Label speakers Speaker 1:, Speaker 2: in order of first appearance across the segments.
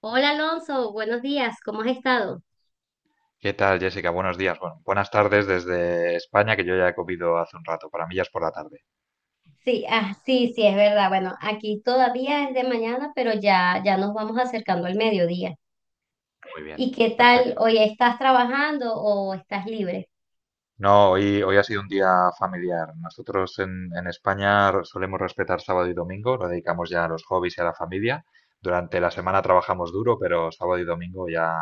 Speaker 1: Hola Alonso, buenos días, ¿cómo has estado?
Speaker 2: ¿Qué tal, Jessica? Buenos días. Bueno, buenas tardes desde España, que yo ya he comido hace un rato. Para mí ya es por la tarde.
Speaker 1: Sí, sí, sí, es verdad. Bueno, aquí todavía es de mañana, pero ya nos vamos acercando al mediodía.
Speaker 2: Muy bien,
Speaker 1: ¿Y qué tal?
Speaker 2: perfecto.
Speaker 1: ¿Hoy estás trabajando o estás libre?
Speaker 2: No, hoy ha sido un día familiar. Nosotros en España solemos respetar sábado y domingo, lo dedicamos ya a los hobbies y a la familia. Durante la semana trabajamos duro, pero sábado y domingo ya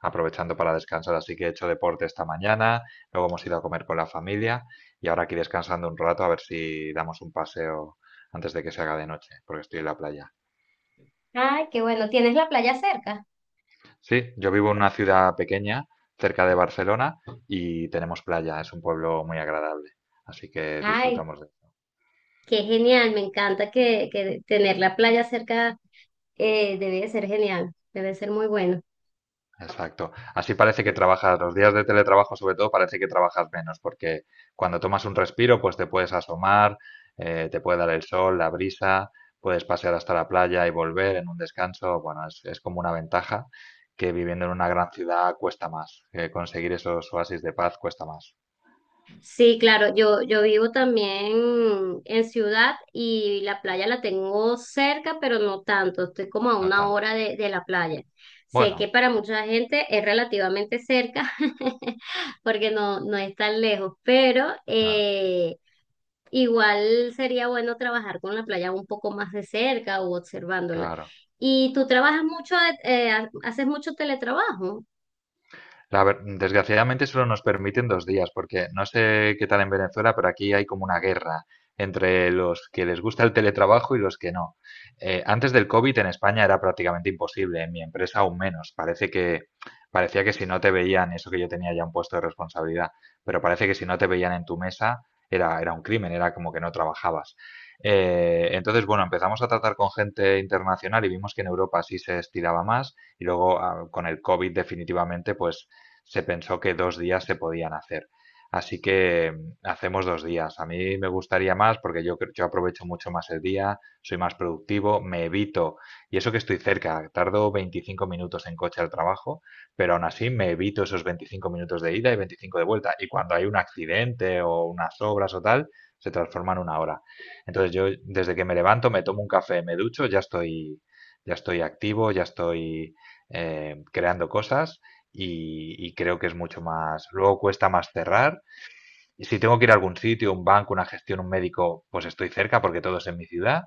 Speaker 2: aprovechando para descansar. Así que he hecho deporte esta mañana, luego hemos ido a comer con la familia y ahora aquí descansando un rato a ver si damos un paseo antes de que se haga de noche, porque estoy en la playa.
Speaker 1: Ay, qué bueno, ¿tienes la playa cerca?
Speaker 2: Sí, yo vivo en una ciudad pequeña, cerca de Barcelona, y tenemos playa, es un pueblo muy agradable, así que
Speaker 1: Ay,
Speaker 2: disfrutamos de.
Speaker 1: qué genial, me encanta que tener la playa cerca debe de ser genial, debe ser muy bueno.
Speaker 2: Exacto. Así parece que
Speaker 1: Sí.
Speaker 2: trabajas, los días de teletrabajo sobre todo, parece que trabajas menos, porque cuando tomas un respiro, pues te puedes asomar, te puede dar el sol, la brisa, puedes pasear hasta la playa y volver en un descanso. Bueno, es como una ventaja que viviendo en una gran ciudad cuesta más, conseguir esos oasis de paz cuesta más,
Speaker 1: Sí, claro, yo vivo también en ciudad y la playa la tengo cerca, pero no tanto, estoy como a
Speaker 2: no
Speaker 1: una
Speaker 2: tanto.
Speaker 1: hora de la playa. Sé que
Speaker 2: Bueno,
Speaker 1: para mucha gente es relativamente cerca, porque no es tan lejos, pero
Speaker 2: claro,
Speaker 1: igual sería bueno trabajar con la playa un poco más de cerca o observándola.
Speaker 2: claro.
Speaker 1: ¿Y tú trabajas mucho, haces mucho teletrabajo?
Speaker 2: Desgraciadamente solo nos permiten dos días, porque no sé qué tal en Venezuela, pero aquí hay como una guerra entre los que les gusta el teletrabajo y los que no. Antes del COVID en España era prácticamente imposible, en mi empresa aún menos. Parece que parecía que si no te veían, eso que yo tenía ya un puesto de responsabilidad, pero parece que si no te veían en tu mesa era un crimen, era como que no trabajabas. Entonces, bueno, empezamos a tratar con gente internacional y vimos que en Europa sí se estiraba más y luego con el COVID definitivamente, pues se pensó que dos días se podían hacer. Así que hacemos dos días. A mí me gustaría más porque yo aprovecho mucho más el día, soy más productivo, me evito, y eso que estoy cerca, tardo 25 minutos en coche al trabajo, pero aún así me evito esos 25 minutos de ida y 25 de vuelta. Y cuando hay un accidente o unas obras o tal, se transforma en una hora. Entonces yo desde que me levanto, me tomo un café, me ducho, ya estoy activo, ya estoy creando cosas y creo que es mucho más. Luego cuesta más cerrar. Y si tengo que ir a algún sitio, un banco, una gestión, un médico, pues estoy cerca porque todo es en mi ciudad.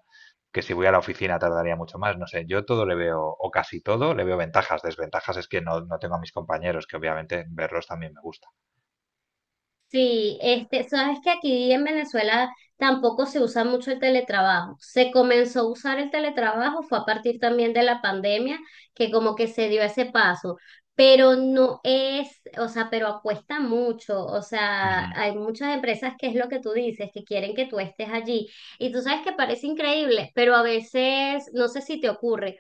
Speaker 2: Que si voy a la oficina tardaría mucho más. No sé, yo todo le veo, o casi todo, le veo ventajas. Desventajas es que no, no tengo a mis compañeros, que obviamente verlos también me gusta.
Speaker 1: Sí, este, sabes que aquí en Venezuela tampoco se usa mucho el teletrabajo. Se comenzó a usar el teletrabajo, fue a partir también de la pandemia, que como que se dio ese paso, pero no es, o sea, pero acuesta mucho. O sea,
Speaker 2: Ujú.
Speaker 1: hay muchas empresas que es lo que tú dices, que quieren que tú estés allí. Y tú sabes que parece increíble, pero a veces, no sé si te ocurre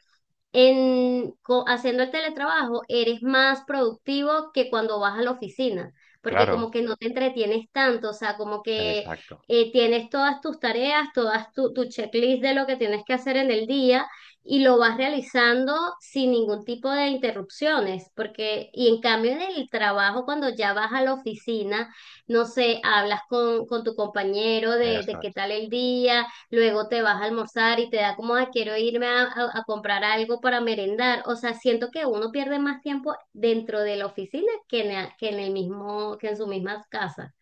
Speaker 1: haciendo el teletrabajo eres más productivo que cuando vas a la oficina, porque como
Speaker 2: Claro,
Speaker 1: que no te entretienes tanto, o sea, como que
Speaker 2: exacto.
Speaker 1: tienes todas tus tareas, tu checklist de lo que tienes que hacer en el día y lo vas realizando sin ningún tipo de interrupciones, porque, y en cambio en el trabajo, cuando ya vas a la oficina, no sé, hablas con tu compañero de
Speaker 2: Eso
Speaker 1: qué
Speaker 2: es.
Speaker 1: tal el día. Luego te vas a almorzar y te da como, "Ay, quiero irme a, a comprar algo para merendar". O sea, siento que uno pierde más tiempo dentro de la oficina que que en el mismo, que en su misma casa.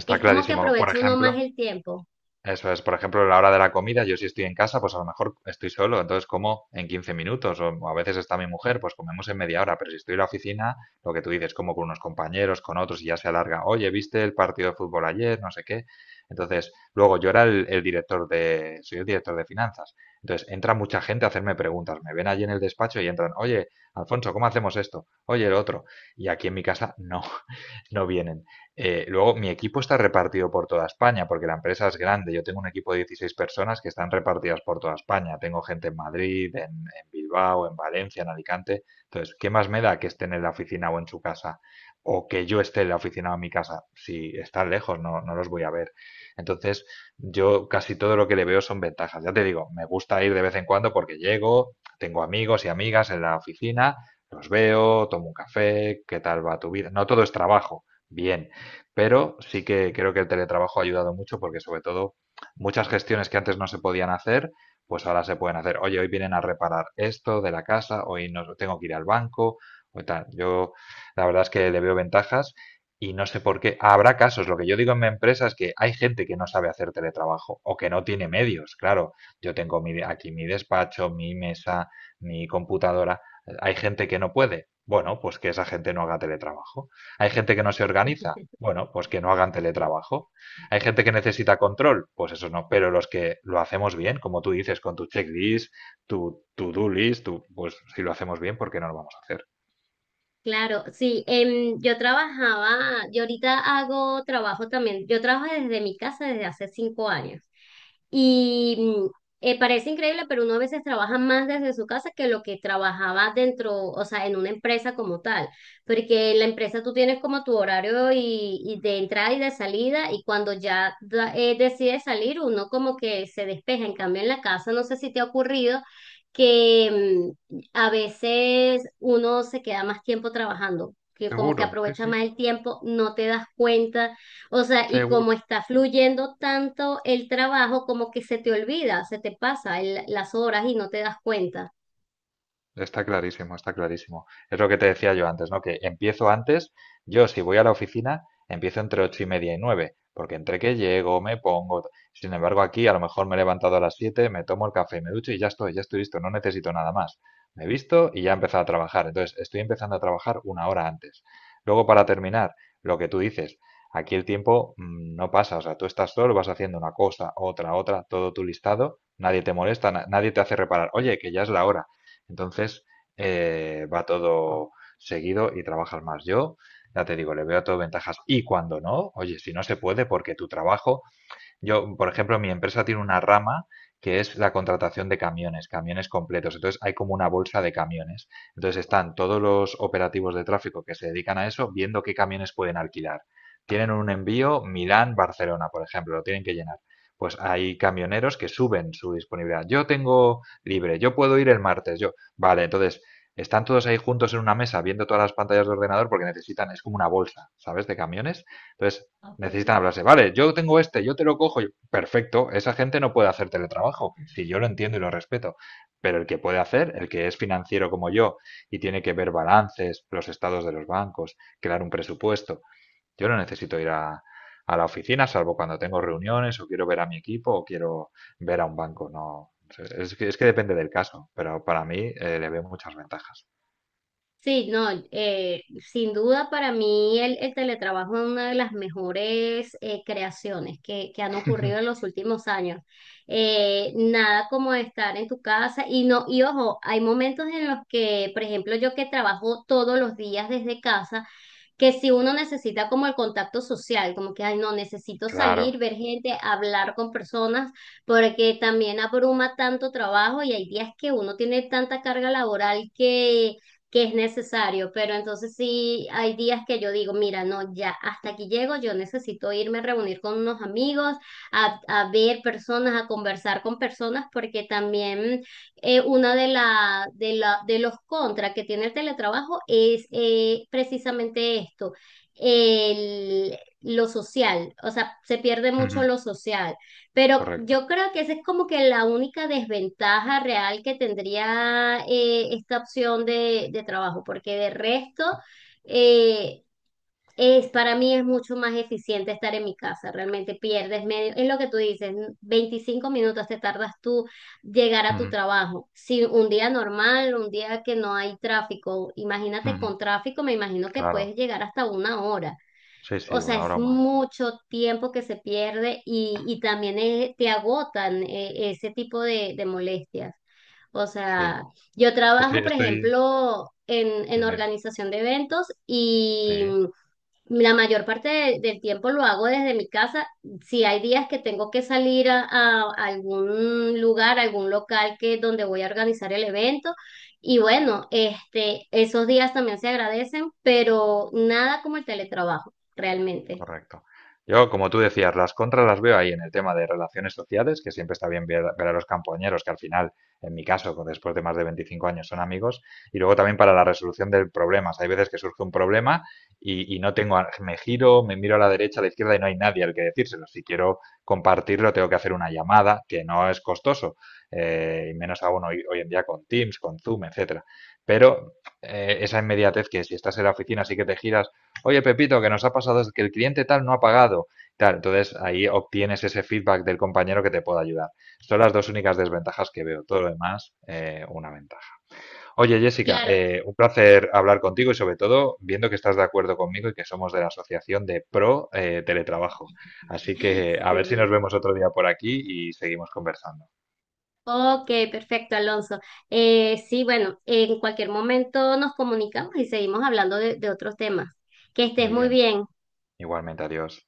Speaker 2: Está
Speaker 1: Es como que
Speaker 2: clarísimo. Por
Speaker 1: aprovecha uno más
Speaker 2: ejemplo,
Speaker 1: el tiempo.
Speaker 2: eso es, por ejemplo, la hora de la comida, yo si estoy en casa, pues a lo mejor estoy solo, entonces como en 15 minutos, o a veces está mi mujer, pues comemos en media hora, pero si estoy en la oficina, lo que tú dices, como con unos compañeros, con otros, y ya se alarga, oye, ¿viste el partido de fútbol ayer? No sé qué. Entonces, luego yo era el director de, soy el director de finanzas, entonces entra mucha gente a hacerme preguntas, me ven allí en el despacho y entran, oye, Alfonso, ¿cómo hacemos esto? Oye, el otro. Y aquí en mi casa no, no vienen. Luego, mi equipo está repartido por toda España, porque la empresa es grande. Yo tengo un equipo de 16 personas que están repartidas por toda España. Tengo gente en Madrid, en Bilbao, en Valencia, en Alicante. Entonces, ¿qué más me da que estén en la oficina o en su casa? O que yo esté en la oficina o en mi casa. Si están lejos, no, no los voy a ver. Entonces, yo casi todo lo que le veo son ventajas. Ya te digo, me gusta ir de vez en cuando porque llego, tengo amigos y amigas en la oficina, los veo, tomo un café, ¿qué tal va tu vida? No todo es trabajo bien, pero sí que creo que el teletrabajo ha ayudado mucho porque sobre todo muchas gestiones que antes no se podían hacer, pues ahora se pueden hacer. Oye, hoy vienen a reparar esto de la casa, hoy no tengo que ir al banco o tal. Yo la verdad es que le veo ventajas y no sé por qué. Habrá casos, lo que yo digo en mi empresa es que hay gente que no sabe hacer teletrabajo o que no tiene medios. Claro, yo tengo aquí mi despacho, mi mesa, mi computadora. Hay gente que no puede. Bueno, pues que esa gente no haga teletrabajo. Hay gente que no se organiza. Bueno, pues que no hagan
Speaker 1: Sí.
Speaker 2: teletrabajo. Hay gente que necesita control. Pues eso no. Pero los que lo hacemos bien, como tú dices, con tu checklist, tu to-do list, tu, pues si lo hacemos bien, ¿por qué no lo vamos a hacer?
Speaker 1: Claro, sí, yo ahorita hago trabajo también, yo trabajo desde mi casa desde hace 5 años. Y parece increíble, pero uno a veces trabaja más desde su casa que lo que trabajaba dentro, o sea, en una empresa como tal, porque en la empresa tú tienes como tu horario y de entrada y de salida, y cuando decides salir, uno como que se despeja. En cambio, en la casa, no sé si te ha ocurrido que a veces uno se queda más tiempo trabajando, que como que
Speaker 2: Seguro, sí,
Speaker 1: aprovecha
Speaker 2: sí,
Speaker 1: más el tiempo, no te das cuenta, o sea, y como
Speaker 2: seguro.
Speaker 1: está fluyendo tanto el trabajo, como que se te olvida, se te pasa las horas y no te das cuenta.
Speaker 2: Está clarísimo, está clarísimo. Es lo que te decía yo antes, ¿no? Que empiezo antes, yo si voy a la oficina, empiezo entre ocho y media y nueve, porque entre que llego, me pongo. Sin embargo, aquí a lo mejor me he levantado a las siete, me tomo el café, me ducho y ya estoy listo, no necesito nada más. Me he visto y ya he empezado a trabajar. Entonces, estoy empezando a trabajar una hora antes. Luego, para terminar, lo que tú dices, aquí el tiempo no pasa, o sea, tú estás solo, vas haciendo una cosa, otra, otra, todo tu listado, nadie te molesta, nadie te hace reparar, oye, que ya es la hora. Entonces, va todo seguido y trabajas más. Yo, ya te digo, le veo todo ventajas. Y cuando no, oye, si no se puede porque tu trabajo yo, por ejemplo, mi empresa tiene una rama que es la contratación de camiones, camiones completos. Entonces hay como una bolsa de camiones. Entonces están todos los operativos de tráfico que se dedican a eso viendo qué camiones pueden alquilar. Tienen un envío Milán-Barcelona, por ejemplo, lo tienen que llenar. Pues hay camioneros que suben su disponibilidad. Yo tengo libre, yo puedo ir el martes, yo. Vale, entonces están todos ahí juntos en una mesa viendo todas las pantallas de ordenador porque necesitan, es como una bolsa, ¿sabes? De camiones. Entonces necesitan
Speaker 1: Okay.
Speaker 2: hablarse. Vale, yo tengo este, yo te lo cojo. Perfecto, esa gente no puede hacer teletrabajo, si yo lo entiendo y lo respeto. Pero el que puede hacer, el que es financiero como yo y tiene que ver balances, los estados de los bancos, crear un presupuesto, yo no necesito ir a la oficina, salvo cuando tengo reuniones o quiero ver a mi equipo o quiero ver a un banco. No, es que depende del caso, pero para mí le veo muchas ventajas.
Speaker 1: Sí, no, sin duda para mí el teletrabajo es una de las mejores creaciones que han ocurrido en los últimos años. Nada como estar en tu casa y no, y ojo, hay momentos en los que, por ejemplo, yo que trabajo todos los días desde casa, que si uno necesita como el contacto social, como que, ay, no, necesito salir,
Speaker 2: Claro,
Speaker 1: ver gente, hablar con personas, porque también abruma tanto trabajo y hay días que uno tiene tanta carga laboral que es necesario, pero entonces sí hay días que yo digo, mira, no, ya hasta aquí llego, yo necesito irme a reunir con unos amigos, a ver personas, a conversar con personas, porque también una de, la, de, la, de los contras que tiene el teletrabajo es precisamente esto, lo social, o sea, se pierde mucho lo social, pero
Speaker 2: correcto.
Speaker 1: yo creo que esa es como que la única desventaja real que tendría esta opción de trabajo, porque de resto... eh, para mí es mucho más eficiente estar en mi casa, realmente pierdes medio, es lo que tú dices, 25 minutos te tardas tú llegar a tu trabajo. Si un día normal, un día que no hay tráfico, imagínate con tráfico, me imagino que puedes
Speaker 2: Claro,
Speaker 1: llegar hasta una hora.
Speaker 2: sí,
Speaker 1: O
Speaker 2: sí,
Speaker 1: sea,
Speaker 2: una
Speaker 1: es
Speaker 2: hora o más.
Speaker 1: mucho tiempo que se pierde y también te agotan ese tipo de molestias. O
Speaker 2: Sí,
Speaker 1: sea, yo trabajo, por
Speaker 2: estoy,
Speaker 1: ejemplo, en
Speaker 2: dime,
Speaker 1: organización de eventos y
Speaker 2: sí,
Speaker 1: la mayor parte del tiempo lo hago desde mi casa. Si hay días que tengo que salir a algún lugar, algún local que donde voy a organizar el evento, y bueno, este, esos días también se agradecen, pero nada como el teletrabajo, realmente.
Speaker 2: correcto. Yo, como tú decías, las contras las veo ahí en el tema de relaciones sociales, que siempre está bien ver, ver a los compañeros, que al final, en mi caso, después de más de 25 años son amigos, y luego también para la resolución de problemas. Hay veces que surge un problema y no tengo, me giro, me miro a la derecha, a la izquierda y no hay nadie al que decírselo. Si quiero compartirlo, tengo que hacer una llamada, que no es costoso, y menos aún hoy en día con Teams, con Zoom, etcétera. Pero esa inmediatez que si estás en la oficina, sí que te giras oye Pepito, que nos ha pasado es que el cliente tal no ha pagado. Tal, entonces ahí obtienes ese feedback del compañero que te pueda ayudar. Son las dos únicas desventajas que veo. Todo lo demás, una ventaja. Oye Jessica,
Speaker 1: Claro,
Speaker 2: un placer hablar contigo y sobre todo viendo que estás de acuerdo conmigo y que somos de la Asociación de Pro Teletrabajo. Así que a ver si nos
Speaker 1: sí.
Speaker 2: vemos otro día por aquí y seguimos conversando.
Speaker 1: Ok, perfecto, Alonso. Sí, bueno, en cualquier momento nos comunicamos y seguimos hablando de otros temas. Que estés
Speaker 2: Muy
Speaker 1: muy
Speaker 2: bien,
Speaker 1: bien.
Speaker 2: igualmente, adiós.